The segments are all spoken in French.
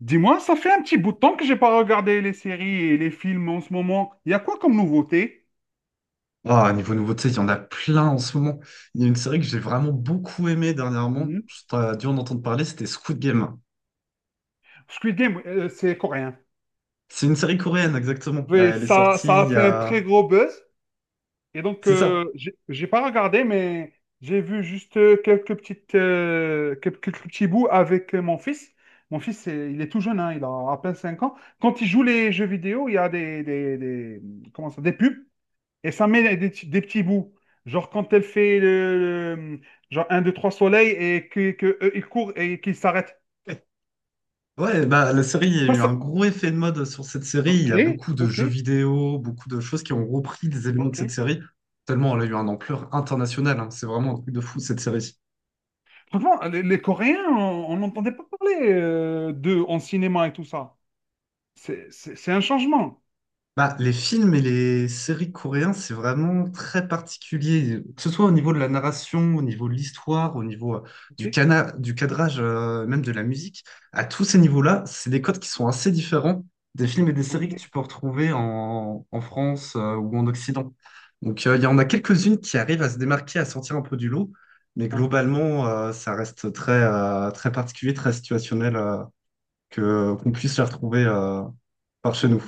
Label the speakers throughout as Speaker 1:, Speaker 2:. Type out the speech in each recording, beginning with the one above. Speaker 1: Dis-moi, ça fait un petit bout de temps que j'ai pas regardé les séries et les films en ce moment. Il y a quoi comme nouveauté?
Speaker 2: Ah, niveau nouveauté, il y en a plein en ce moment. Il y a une série que j'ai vraiment beaucoup aimée dernièrement.
Speaker 1: Mhm.
Speaker 2: Tu as dû en entendre parler, c'était Squid Game.
Speaker 1: Squid Game, c'est coréen.
Speaker 2: C'est une série coréenne, exactement.
Speaker 1: Oui,
Speaker 2: Elle est
Speaker 1: ça,
Speaker 2: sortie
Speaker 1: ça a
Speaker 2: il y
Speaker 1: fait un très
Speaker 2: a.
Speaker 1: gros buzz. Et donc,
Speaker 2: C'est ça.
Speaker 1: j'ai pas regardé, mais j'ai vu juste quelques petits bouts avec mon fils. Mon fils, il est tout jeune, hein, il a à peine 5 ans. Quand il joue les jeux vidéo, il y a comment ça, des pubs. Et ça met des petits bouts. Genre quand elle fait le- genre un 2, 3 soleils et que eux, ils courent et qu'ils s'arrêtent.
Speaker 2: Eh, ouais, bah, la série, il y a
Speaker 1: Ça,
Speaker 2: eu un
Speaker 1: ça-
Speaker 2: gros effet de mode sur cette série. Il
Speaker 1: Ok,
Speaker 2: y a beaucoup de
Speaker 1: ok,
Speaker 2: jeux vidéo, beaucoup de choses qui ont repris des éléments de
Speaker 1: ok.
Speaker 2: cette série. Tellement elle a eu un ampleur internationale, hein. C'est vraiment un truc de fou, cette série.
Speaker 1: Franchement, les Coréens, on n'entendait pas parler d'eux en cinéma et tout ça. C'est un changement.
Speaker 2: Bah, les films et les séries coréens, c'est vraiment très particulier, que ce soit au
Speaker 1: Ok,
Speaker 2: niveau de la narration, au niveau de l'histoire, au niveau
Speaker 1: ok,
Speaker 2: du cadrage, même de la musique. À tous ces niveaux-là, c'est des codes qui sont assez différents des films et des séries
Speaker 1: ok.
Speaker 2: que tu peux retrouver en France, ou en Occident. Donc, il y en a quelques-unes qui arrivent à se démarquer, à sortir un peu du lot, mais
Speaker 1: Hein.
Speaker 2: globalement, ça reste très, très particulier, très situationnel, qu'on puisse les retrouver, par chez nous.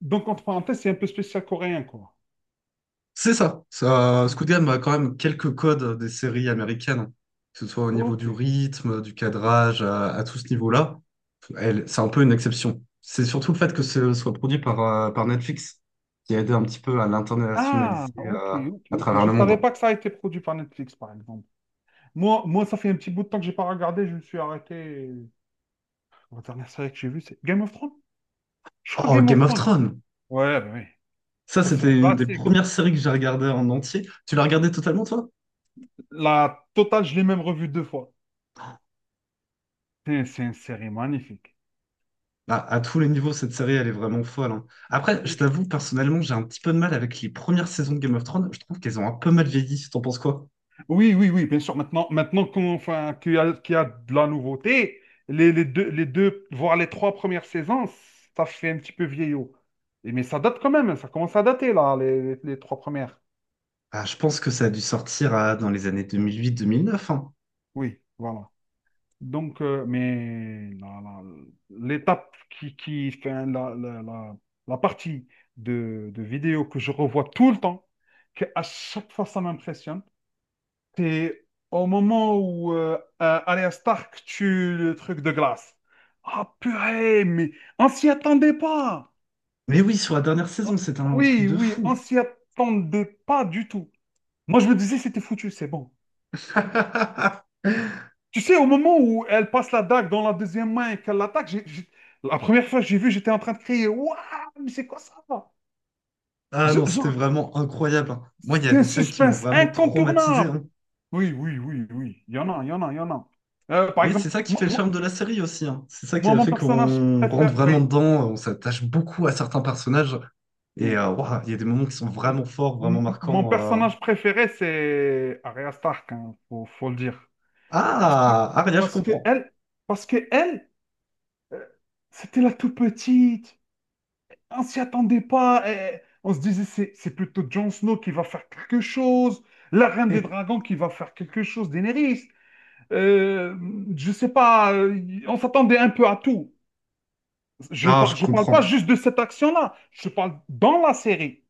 Speaker 1: Donc, entre parenthèses, c'est un peu spécial coréen, quoi.
Speaker 2: C'est ça. Ça, Squid Game a quand même quelques codes des séries américaines, que ce soit au niveau
Speaker 1: Ok,
Speaker 2: du rythme, du
Speaker 1: ok.
Speaker 2: cadrage, à tout ce niveau-là. Elle, c'est un peu une exception. C'est surtout le fait que ce soit produit par Netflix qui a aidé un petit peu à
Speaker 1: Ah,
Speaker 2: l'internationaliser
Speaker 1: ok, ok,
Speaker 2: à
Speaker 1: ok.
Speaker 2: travers
Speaker 1: Je ne
Speaker 2: le
Speaker 1: savais
Speaker 2: monde.
Speaker 1: pas que ça a été produit par Netflix, par exemple. Moi, moi, ça fait un petit bout de temps que j'ai pas regardé, je me suis arrêté. La dernière série que j'ai vue, c'est Game of Thrones. Je crois
Speaker 2: Oh,
Speaker 1: Game
Speaker 2: Game
Speaker 1: of
Speaker 2: of
Speaker 1: Thrones.
Speaker 2: Thrones!
Speaker 1: Ouais, bah oui.
Speaker 2: Ça,
Speaker 1: Ça, c'est
Speaker 2: c'était
Speaker 1: un
Speaker 2: une des
Speaker 1: classique.
Speaker 2: premières séries que j'ai regardées en entier. Tu l'as regardée totalement, toi?
Speaker 1: La totale, je l'ai même revue 2 fois. C'est une série magnifique.
Speaker 2: Bah, à tous les niveaux, cette série, elle est vraiment folle, hein. Après, je t'avoue, personnellement, j'ai un petit peu de mal avec les premières saisons de Game of Thrones. Je trouve qu'elles ont un peu mal vieilli. T'en penses quoi?
Speaker 1: Oui, oui, oui, bien sûr. Maintenant qu'on, enfin, qu'il y a de la nouveauté, les deux, voire les trois premières saisons, ça fait un petit peu vieillot. Mais ça date quand même, hein. Ça commence à dater, là, les trois premières.
Speaker 2: Ah, je pense que ça a dû sortir dans les années deux mille huit, mille neuf, hein.
Speaker 1: Oui, voilà. Donc, l'étape qui fait la partie de vidéo que je revois tout le temps, que à chaque fois ça m'impressionne, c'est au moment où Arya Stark tue le truc de glace. Ah purée, mais on s'y attendait pas.
Speaker 2: Mais oui, sur la dernière saison,
Speaker 1: Ah,
Speaker 2: c'était un truc
Speaker 1: oui,
Speaker 2: de
Speaker 1: oui, on
Speaker 2: fou.
Speaker 1: s'y attendait pas du tout. Moi, je me disais, c'était foutu, c'est bon. Tu sais, au moment où elle passe la dague dans la deuxième main et qu'elle l'attaque, la première fois que j'ai vu, j'étais en train de crier, Waouh, mais c'est quoi ça?
Speaker 2: Ah non,
Speaker 1: Je-
Speaker 2: c'était
Speaker 1: je-
Speaker 2: vraiment incroyable, hein. Moi, il y a
Speaker 1: C'était un
Speaker 2: des scènes qui m'ont
Speaker 1: suspense
Speaker 2: vraiment traumatisé,
Speaker 1: incontournable.
Speaker 2: hein.
Speaker 1: Oui, oui, oui, oui. Il y en a, il y en a, il y en a. Par
Speaker 2: Mais c'est
Speaker 1: exemple,
Speaker 2: ça qui fait le charme de la série aussi, hein. C'est ça qui a
Speaker 1: mon
Speaker 2: fait
Speaker 1: personnage
Speaker 2: qu'on rentre
Speaker 1: préféré,
Speaker 2: vraiment
Speaker 1: oui.
Speaker 2: dedans, on s'attache beaucoup à certains personnages. Et
Speaker 1: Oui.
Speaker 2: ouah, il y a des moments qui sont
Speaker 1: M-
Speaker 2: vraiment forts, vraiment
Speaker 1: Mon
Speaker 2: marquants.
Speaker 1: personnage préféré, c'est Arya Stark, hein, faut le dire. Parce que
Speaker 2: Ah, Aria, je
Speaker 1: parce que
Speaker 2: comprends.
Speaker 1: elle, parce que elle, euh, c'était la toute petite. On s'y attendait pas. Eh, on se disait, c'est plutôt Jon Snow qui va faire quelque chose, la Reine des Dragons qui va faire quelque chose, Daenerys. Euh, je sais pas, on s'attendait un peu à tout. Je
Speaker 2: Non, je
Speaker 1: par- je parle pas
Speaker 2: comprends.
Speaker 1: juste de cette action-là, je parle dans la série.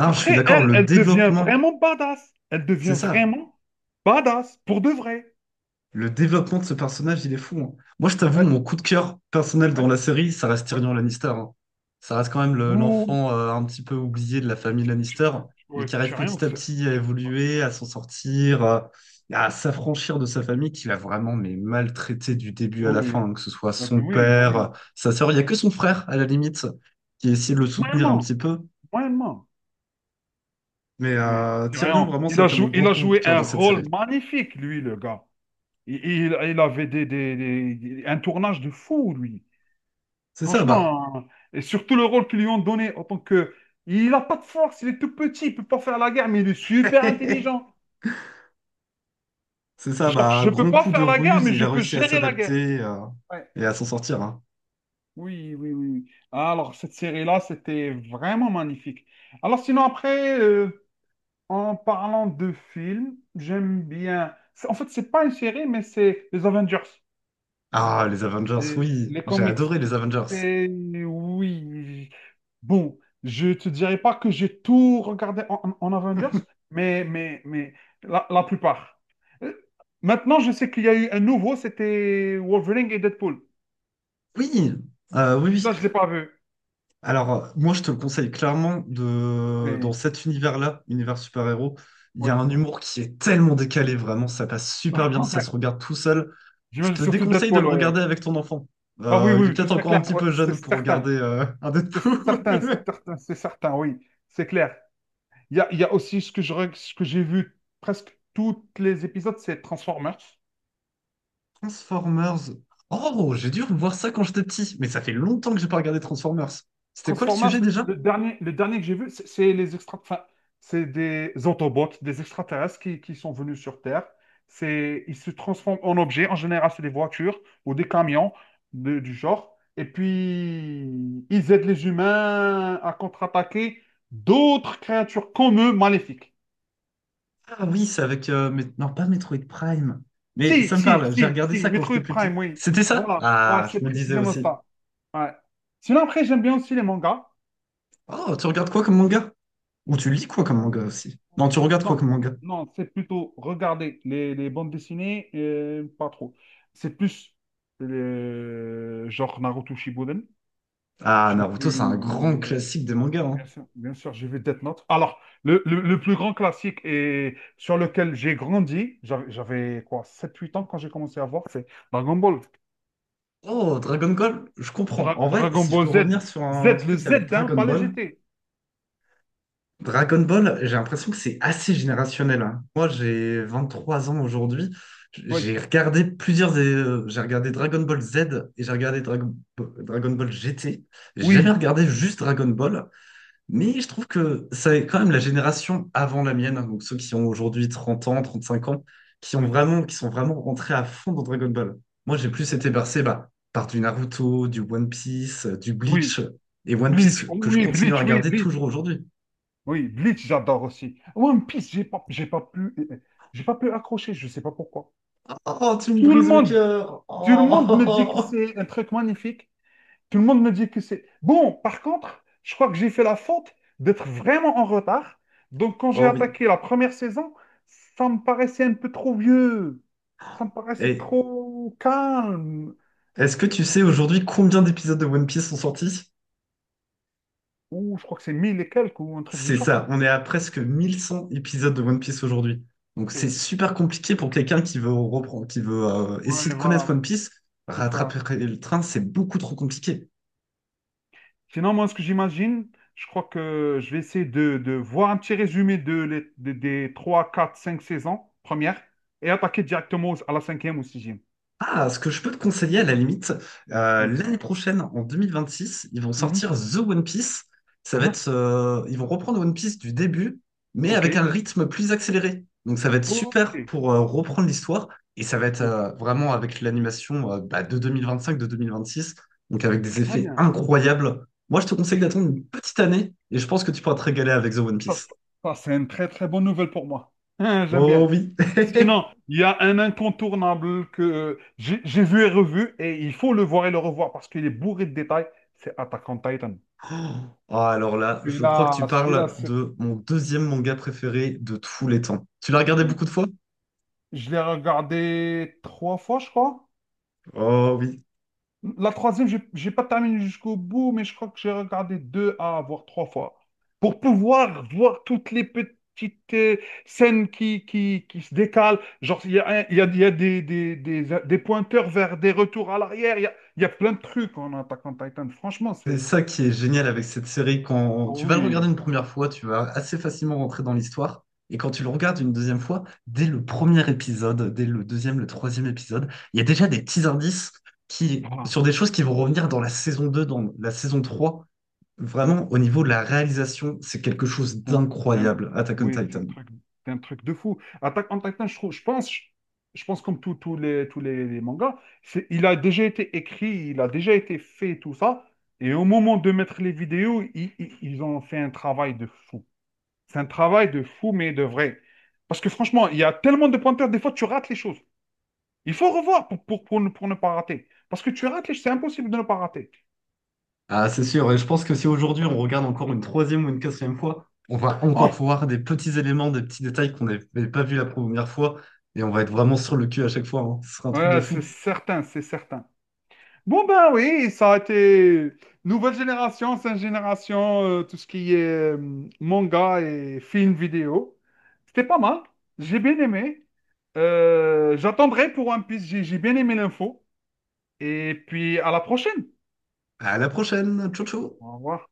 Speaker 2: Non, je suis
Speaker 1: Après,
Speaker 2: d'accord,
Speaker 1: elle,
Speaker 2: le
Speaker 1: elle devient
Speaker 2: développement,
Speaker 1: vraiment badass. Elle
Speaker 2: c'est
Speaker 1: devient
Speaker 2: ça.
Speaker 1: vraiment badass, pour de vrai.
Speaker 2: Le développement de ce personnage, il est fou, hein. Moi, je t'avoue,
Speaker 1: Ouais,
Speaker 2: mon coup de cœur personnel dans
Speaker 1: ouais,
Speaker 2: la série, ça reste
Speaker 1: ouais.
Speaker 2: Tyrion Lannister, hein. Ça reste quand même
Speaker 1: Ou,
Speaker 2: l'enfant un petit peu oublié de la famille Lannister, mais
Speaker 1: ouais,
Speaker 2: qui arrive
Speaker 1: tu as rien,
Speaker 2: petit à petit à
Speaker 1: tu-
Speaker 2: évoluer, à s'en sortir, à s'affranchir de sa famille, qui l'a vraiment mais maltraité du début à
Speaker 1: oui,
Speaker 2: la
Speaker 1: oui,
Speaker 2: fin, hein, que ce soit
Speaker 1: oui,
Speaker 2: son
Speaker 1: oui, bah oui.
Speaker 2: père, sa sœur. Il n'y a que son frère, à la limite, qui essaie de le soutenir un
Speaker 1: Moyennement,
Speaker 2: petit peu.
Speaker 1: moyennement.
Speaker 2: Mais
Speaker 1: Mais
Speaker 2: Tyrion,
Speaker 1: rien.
Speaker 2: vraiment,
Speaker 1: Il
Speaker 2: ça a
Speaker 1: a
Speaker 2: été mon
Speaker 1: joué,
Speaker 2: grand
Speaker 1: il a
Speaker 2: coup de
Speaker 1: joué
Speaker 2: cœur
Speaker 1: un
Speaker 2: dans cette
Speaker 1: rôle
Speaker 2: série.
Speaker 1: magnifique, lui, le gars. Il avait un tournage de fou, lui.
Speaker 2: C'est ça, bah.
Speaker 1: Franchement, hein. Et surtout le rôle qu'ils lui ont donné en tant que... Il n'a pas de force, il est tout petit, il peut pas faire la guerre, mais il est super intelligent.
Speaker 2: C'est ça,
Speaker 1: Genre,
Speaker 2: bah, un
Speaker 1: je peux
Speaker 2: grand
Speaker 1: pas
Speaker 2: coup de
Speaker 1: faire la guerre,
Speaker 2: ruse,
Speaker 1: mais
Speaker 2: il
Speaker 1: je
Speaker 2: a
Speaker 1: peux
Speaker 2: réussi à
Speaker 1: gérer la guerre.
Speaker 2: s'adapter
Speaker 1: Ouais.
Speaker 2: et à s'en sortir, hein.
Speaker 1: Oui, oui, oui. Alors, cette série-là, c'était vraiment magnifique. Alors, sinon, après, en parlant de films, j'aime bien. En fait, c'est pas une série, mais c'est les Avengers,
Speaker 2: Ah, les Avengers,
Speaker 1: les,
Speaker 2: oui,
Speaker 1: les
Speaker 2: j'ai
Speaker 1: comics.
Speaker 2: adoré les Avengers.
Speaker 1: Et oui. Bon, je te dirais pas que j'ai tout regardé en, Avengers, mais, la plupart. Euh, Maintenant, je sais qu'il y a eu un nouveau, c'était Wolverine et Deadpool.
Speaker 2: Oui, oui, oui.
Speaker 1: Celui-là, je l'ai pas vu.
Speaker 2: Alors, moi, je te le conseille dans
Speaker 1: Oui,
Speaker 2: cet univers-là, univers super-héros, il y a
Speaker 1: oui.
Speaker 2: un humour qui est tellement décalé, vraiment, ça passe super bien, ça se regarde tout seul.
Speaker 1: Je
Speaker 2: Je
Speaker 1: veux
Speaker 2: te
Speaker 1: surtout
Speaker 2: déconseille de
Speaker 1: Deadpool,
Speaker 2: le
Speaker 1: ouais.
Speaker 2: regarder avec ton enfant.
Speaker 1: Ah oui,
Speaker 2: Il
Speaker 1: oui,
Speaker 2: est
Speaker 1: oui, tout
Speaker 2: peut-être
Speaker 1: c'est
Speaker 2: encore un
Speaker 1: clair,
Speaker 2: petit
Speaker 1: ouais,
Speaker 2: peu
Speaker 1: c'est
Speaker 2: jeune pour
Speaker 1: certain.
Speaker 2: regarder un
Speaker 1: C'est certain, c'est
Speaker 2: Deadpool.
Speaker 1: certain, c'est certain, oui, c'est clair. Il y a aussi ce que ce que j'ai vu presque tous les épisodes, c'est Transformers.
Speaker 2: Transformers. Oh, j'ai dû revoir ça quand j'étais petit, mais ça fait longtemps que j'ai pas regardé Transformers. C'était quoi le
Speaker 1: Transformers,
Speaker 2: sujet déjà?
Speaker 1: le dernier que j'ai vu, enfin, c'est des Autobots, des extraterrestres qui sont venus sur Terre. Ils se transforment en objets. En général, c'est des voitures ou des camions du genre. Et puis, ils aident les humains à contre-attaquer d'autres créatures comme eux maléfiques.
Speaker 2: Ah oui, Non, pas Metroid Prime. Mais
Speaker 1: Si,
Speaker 2: ça me
Speaker 1: si,
Speaker 2: parle, j'ai
Speaker 1: si,
Speaker 2: regardé
Speaker 1: si,
Speaker 2: ça quand j'étais
Speaker 1: Metroid
Speaker 2: plus petit.
Speaker 1: Prime, oui.
Speaker 2: C'était ça?
Speaker 1: Voilà, ouais,
Speaker 2: Ah,
Speaker 1: c'est
Speaker 2: je me disais
Speaker 1: précisément
Speaker 2: aussi.
Speaker 1: ça. Ouais. Sinon, après, j'aime bien aussi les mangas.
Speaker 2: Oh, tu regardes quoi comme manga? Ou tu lis quoi comme
Speaker 1: Euh,
Speaker 2: manga aussi? Non, tu regardes quoi
Speaker 1: Non,
Speaker 2: comme manga?
Speaker 1: non, c'est plutôt regarder les bandes dessinées, pas trop. C'est plus le genre Naruto Shippuden.
Speaker 2: Ah,
Speaker 1: J'ai
Speaker 2: Naruto, c'est
Speaker 1: vu,
Speaker 2: un grand
Speaker 1: euh,
Speaker 2: classique des mangas, hein.
Speaker 1: bien sûr, j'ai vu Death Note. Alors, le plus grand classique et sur lequel j'ai grandi, j'avais quoi, 7 8 ans quand j'ai commencé à voir, c'est Dragon Ball.
Speaker 2: Oh, Dragon Ball, je comprends. En vrai,
Speaker 1: Dragon
Speaker 2: si je
Speaker 1: Ball
Speaker 2: peux revenir
Speaker 1: Z.
Speaker 2: sur
Speaker 1: Z,
Speaker 2: un
Speaker 1: le
Speaker 2: truc avec
Speaker 1: Z, hein,
Speaker 2: Dragon
Speaker 1: pas le
Speaker 2: Ball.
Speaker 1: GT.
Speaker 2: Dragon Ball, j'ai l'impression que c'est assez générationnel, hein. Moi, j'ai 23 ans aujourd'hui.
Speaker 1: Oui,
Speaker 2: J'ai regardé plusieurs. J'ai regardé Dragon Ball Z et j'ai regardé Dragon Ball GT. J'ai jamais
Speaker 1: oui,
Speaker 2: regardé juste Dragon Ball, mais je trouve que c'est quand même la génération avant la mienne, hein, donc ceux qui ont aujourd'hui 30 ans, 35 ans,
Speaker 1: oui,
Speaker 2: qui sont vraiment rentrés à fond dans Dragon Ball. Moi, j'ai plus été bercé bah, par du Naruto, du One Piece, du
Speaker 1: oui.
Speaker 2: Bleach et One
Speaker 1: Bleach,
Speaker 2: Piece
Speaker 1: Oh
Speaker 2: que je
Speaker 1: oui,
Speaker 2: continue à
Speaker 1: Bleach, oui,
Speaker 2: regarder
Speaker 1: Bleach.
Speaker 2: toujours aujourd'hui.
Speaker 1: Oui, Bleach, j'adore aussi. One Piece, j'ai pas pu accrocher, je sais pas pourquoi.
Speaker 2: Oh, tu me
Speaker 1: Tout le
Speaker 2: brises le
Speaker 1: monde,
Speaker 2: cœur.
Speaker 1: tout le monde me dit que
Speaker 2: Oh,
Speaker 1: c'est un truc magnifique. Tout le monde me dit que c'est... Bon, par contre, je crois que j'ai fait la faute d'être vraiment en retard. Donc, quand j'ai
Speaker 2: oh oui.
Speaker 1: attaqué la première saison, ça me paraissait un peu trop vieux. Ça me paraissait
Speaker 2: Hey,
Speaker 1: trop calme.
Speaker 2: est-ce que tu sais aujourd'hui combien d'épisodes de One Piece sont sortis?
Speaker 1: Ou je crois que c'est 1000 et quelques ou un truc du
Speaker 2: C'est
Speaker 1: genre.
Speaker 2: ça, on est à presque 1100 épisodes de One Piece aujourd'hui. Donc c'est
Speaker 1: Ok.
Speaker 2: super compliqué pour quelqu'un qui veut reprendre, qui veut essayer
Speaker 1: Ouais,
Speaker 2: de connaître
Speaker 1: voilà,
Speaker 2: One Piece.
Speaker 1: c'est ça.
Speaker 2: Rattraper le train, c'est beaucoup trop compliqué.
Speaker 1: Sinon, moi, ce que j'imagine, je crois que je vais essayer de voir un petit résumé de, les- des 3, 4, 5 saisons premières et attaquer directement à la cinquième ou sixième.
Speaker 2: Ah, ce que je peux te conseiller à la limite,
Speaker 1: Hmm.
Speaker 2: l'année prochaine, en 2026, ils vont
Speaker 1: Mhm.
Speaker 2: sortir The One Piece. Ça va
Speaker 1: Hein?
Speaker 2: être, euh, ils vont reprendre One Piece du début, mais
Speaker 1: Ok.
Speaker 2: avec un rythme plus accéléré. Donc ça va être super
Speaker 1: Ok.
Speaker 2: pour reprendre l'histoire et ça va être
Speaker 1: Ok.
Speaker 2: vraiment avec l'animation bah, de 2025, de 2026, donc avec des
Speaker 1: Très
Speaker 2: effets
Speaker 1: bien.
Speaker 2: incroyables. Moi, je te conseille d'attendre une petite année et je pense que tu pourras te régaler avec The One
Speaker 1: Ça, ça,
Speaker 2: Piece.
Speaker 1: ça, c'est une très, très bonne nouvelle pour moi. Hein, j'aime bien.
Speaker 2: Oh oui!
Speaker 1: Sinon, il y a un incontournable que j'ai vu et revu, et il faut le voir et le revoir parce qu'il est bourré de détails, c'est Attack on Titan.
Speaker 2: Ah, alors là, je crois que
Speaker 1: Celui-là,
Speaker 2: tu
Speaker 1: celui-là,
Speaker 2: parles
Speaker 1: c'est...
Speaker 2: de mon deuxième manga préféré de tous les
Speaker 1: Oui,
Speaker 2: temps. Tu l'as regardé
Speaker 1: oui.
Speaker 2: beaucoup de fois?
Speaker 1: Je l'ai regardé 3 fois, je crois.
Speaker 2: Oh oui.
Speaker 1: La troisième, j'ai pas terminé jusqu'au bout, mais je crois que j'ai regardé 2 à voire 3 fois pour pouvoir voir toutes les petites scènes qui se décalent. Genre, il y a, un- il y a des pointeurs vers des retours à l'arrière. Il y a plein de trucs en attaquant Titan. Franchement,
Speaker 2: C'est
Speaker 1: c'est.
Speaker 2: ça qui est génial avec cette série.
Speaker 1: Ah
Speaker 2: Quand tu vas le regarder
Speaker 1: oui.
Speaker 2: une première fois, tu vas assez facilement rentrer dans l'histoire. Et quand tu le regardes une deuxième fois, dès le premier épisode, dès le deuxième, le troisième épisode, il y a déjà des petits indices
Speaker 1: Ah.
Speaker 2: sur des choses qui vont revenir dans la saison 2, dans la saison 3. Vraiment, au niveau de la réalisation, c'est quelque chose
Speaker 1: Ou un-
Speaker 2: d'incroyable, Attack on
Speaker 1: Oui, c'est un
Speaker 2: Titan.
Speaker 1: truc, c'est un truc de fou. Attaque on Titan, je trouve, je pense, je pense comme tous les mangas, c'est, il a déjà été écrit, il a déjà été fait, tout ça. Et au moment de mettre les vidéos, ils ont fait un travail de fou. C'est un travail de fou, mais de vrai. Parce que franchement, il y a tellement de pointeurs, des fois, tu rates les choses. Il faut revoir pour ne pas rater. Parce que tu rates les c'est impossible de ne pas rater.
Speaker 2: Ah, c'est sûr. Et je pense que si aujourd'hui on regarde encore une troisième ou une quatrième fois, on va encore
Speaker 1: Oh,
Speaker 2: voir des petits éléments, des petits détails qu'on n'avait pas vus la première fois. Et on va être vraiment sur le cul à chaque fois, hein. Ce sera un truc de
Speaker 1: ouais, c'est
Speaker 2: fou.
Speaker 1: certain, c'est certain. Bon ben oui, ça a été nouvelle génération, cinq génération, tout ce qui est manga et film vidéo. C'était pas mal, j'ai bien aimé. J'attendrai pour One Piece, j'ai bien aimé l'info. Et puis à la prochaine.
Speaker 2: À la prochaine. Ciao, ciao.
Speaker 1: Au revoir.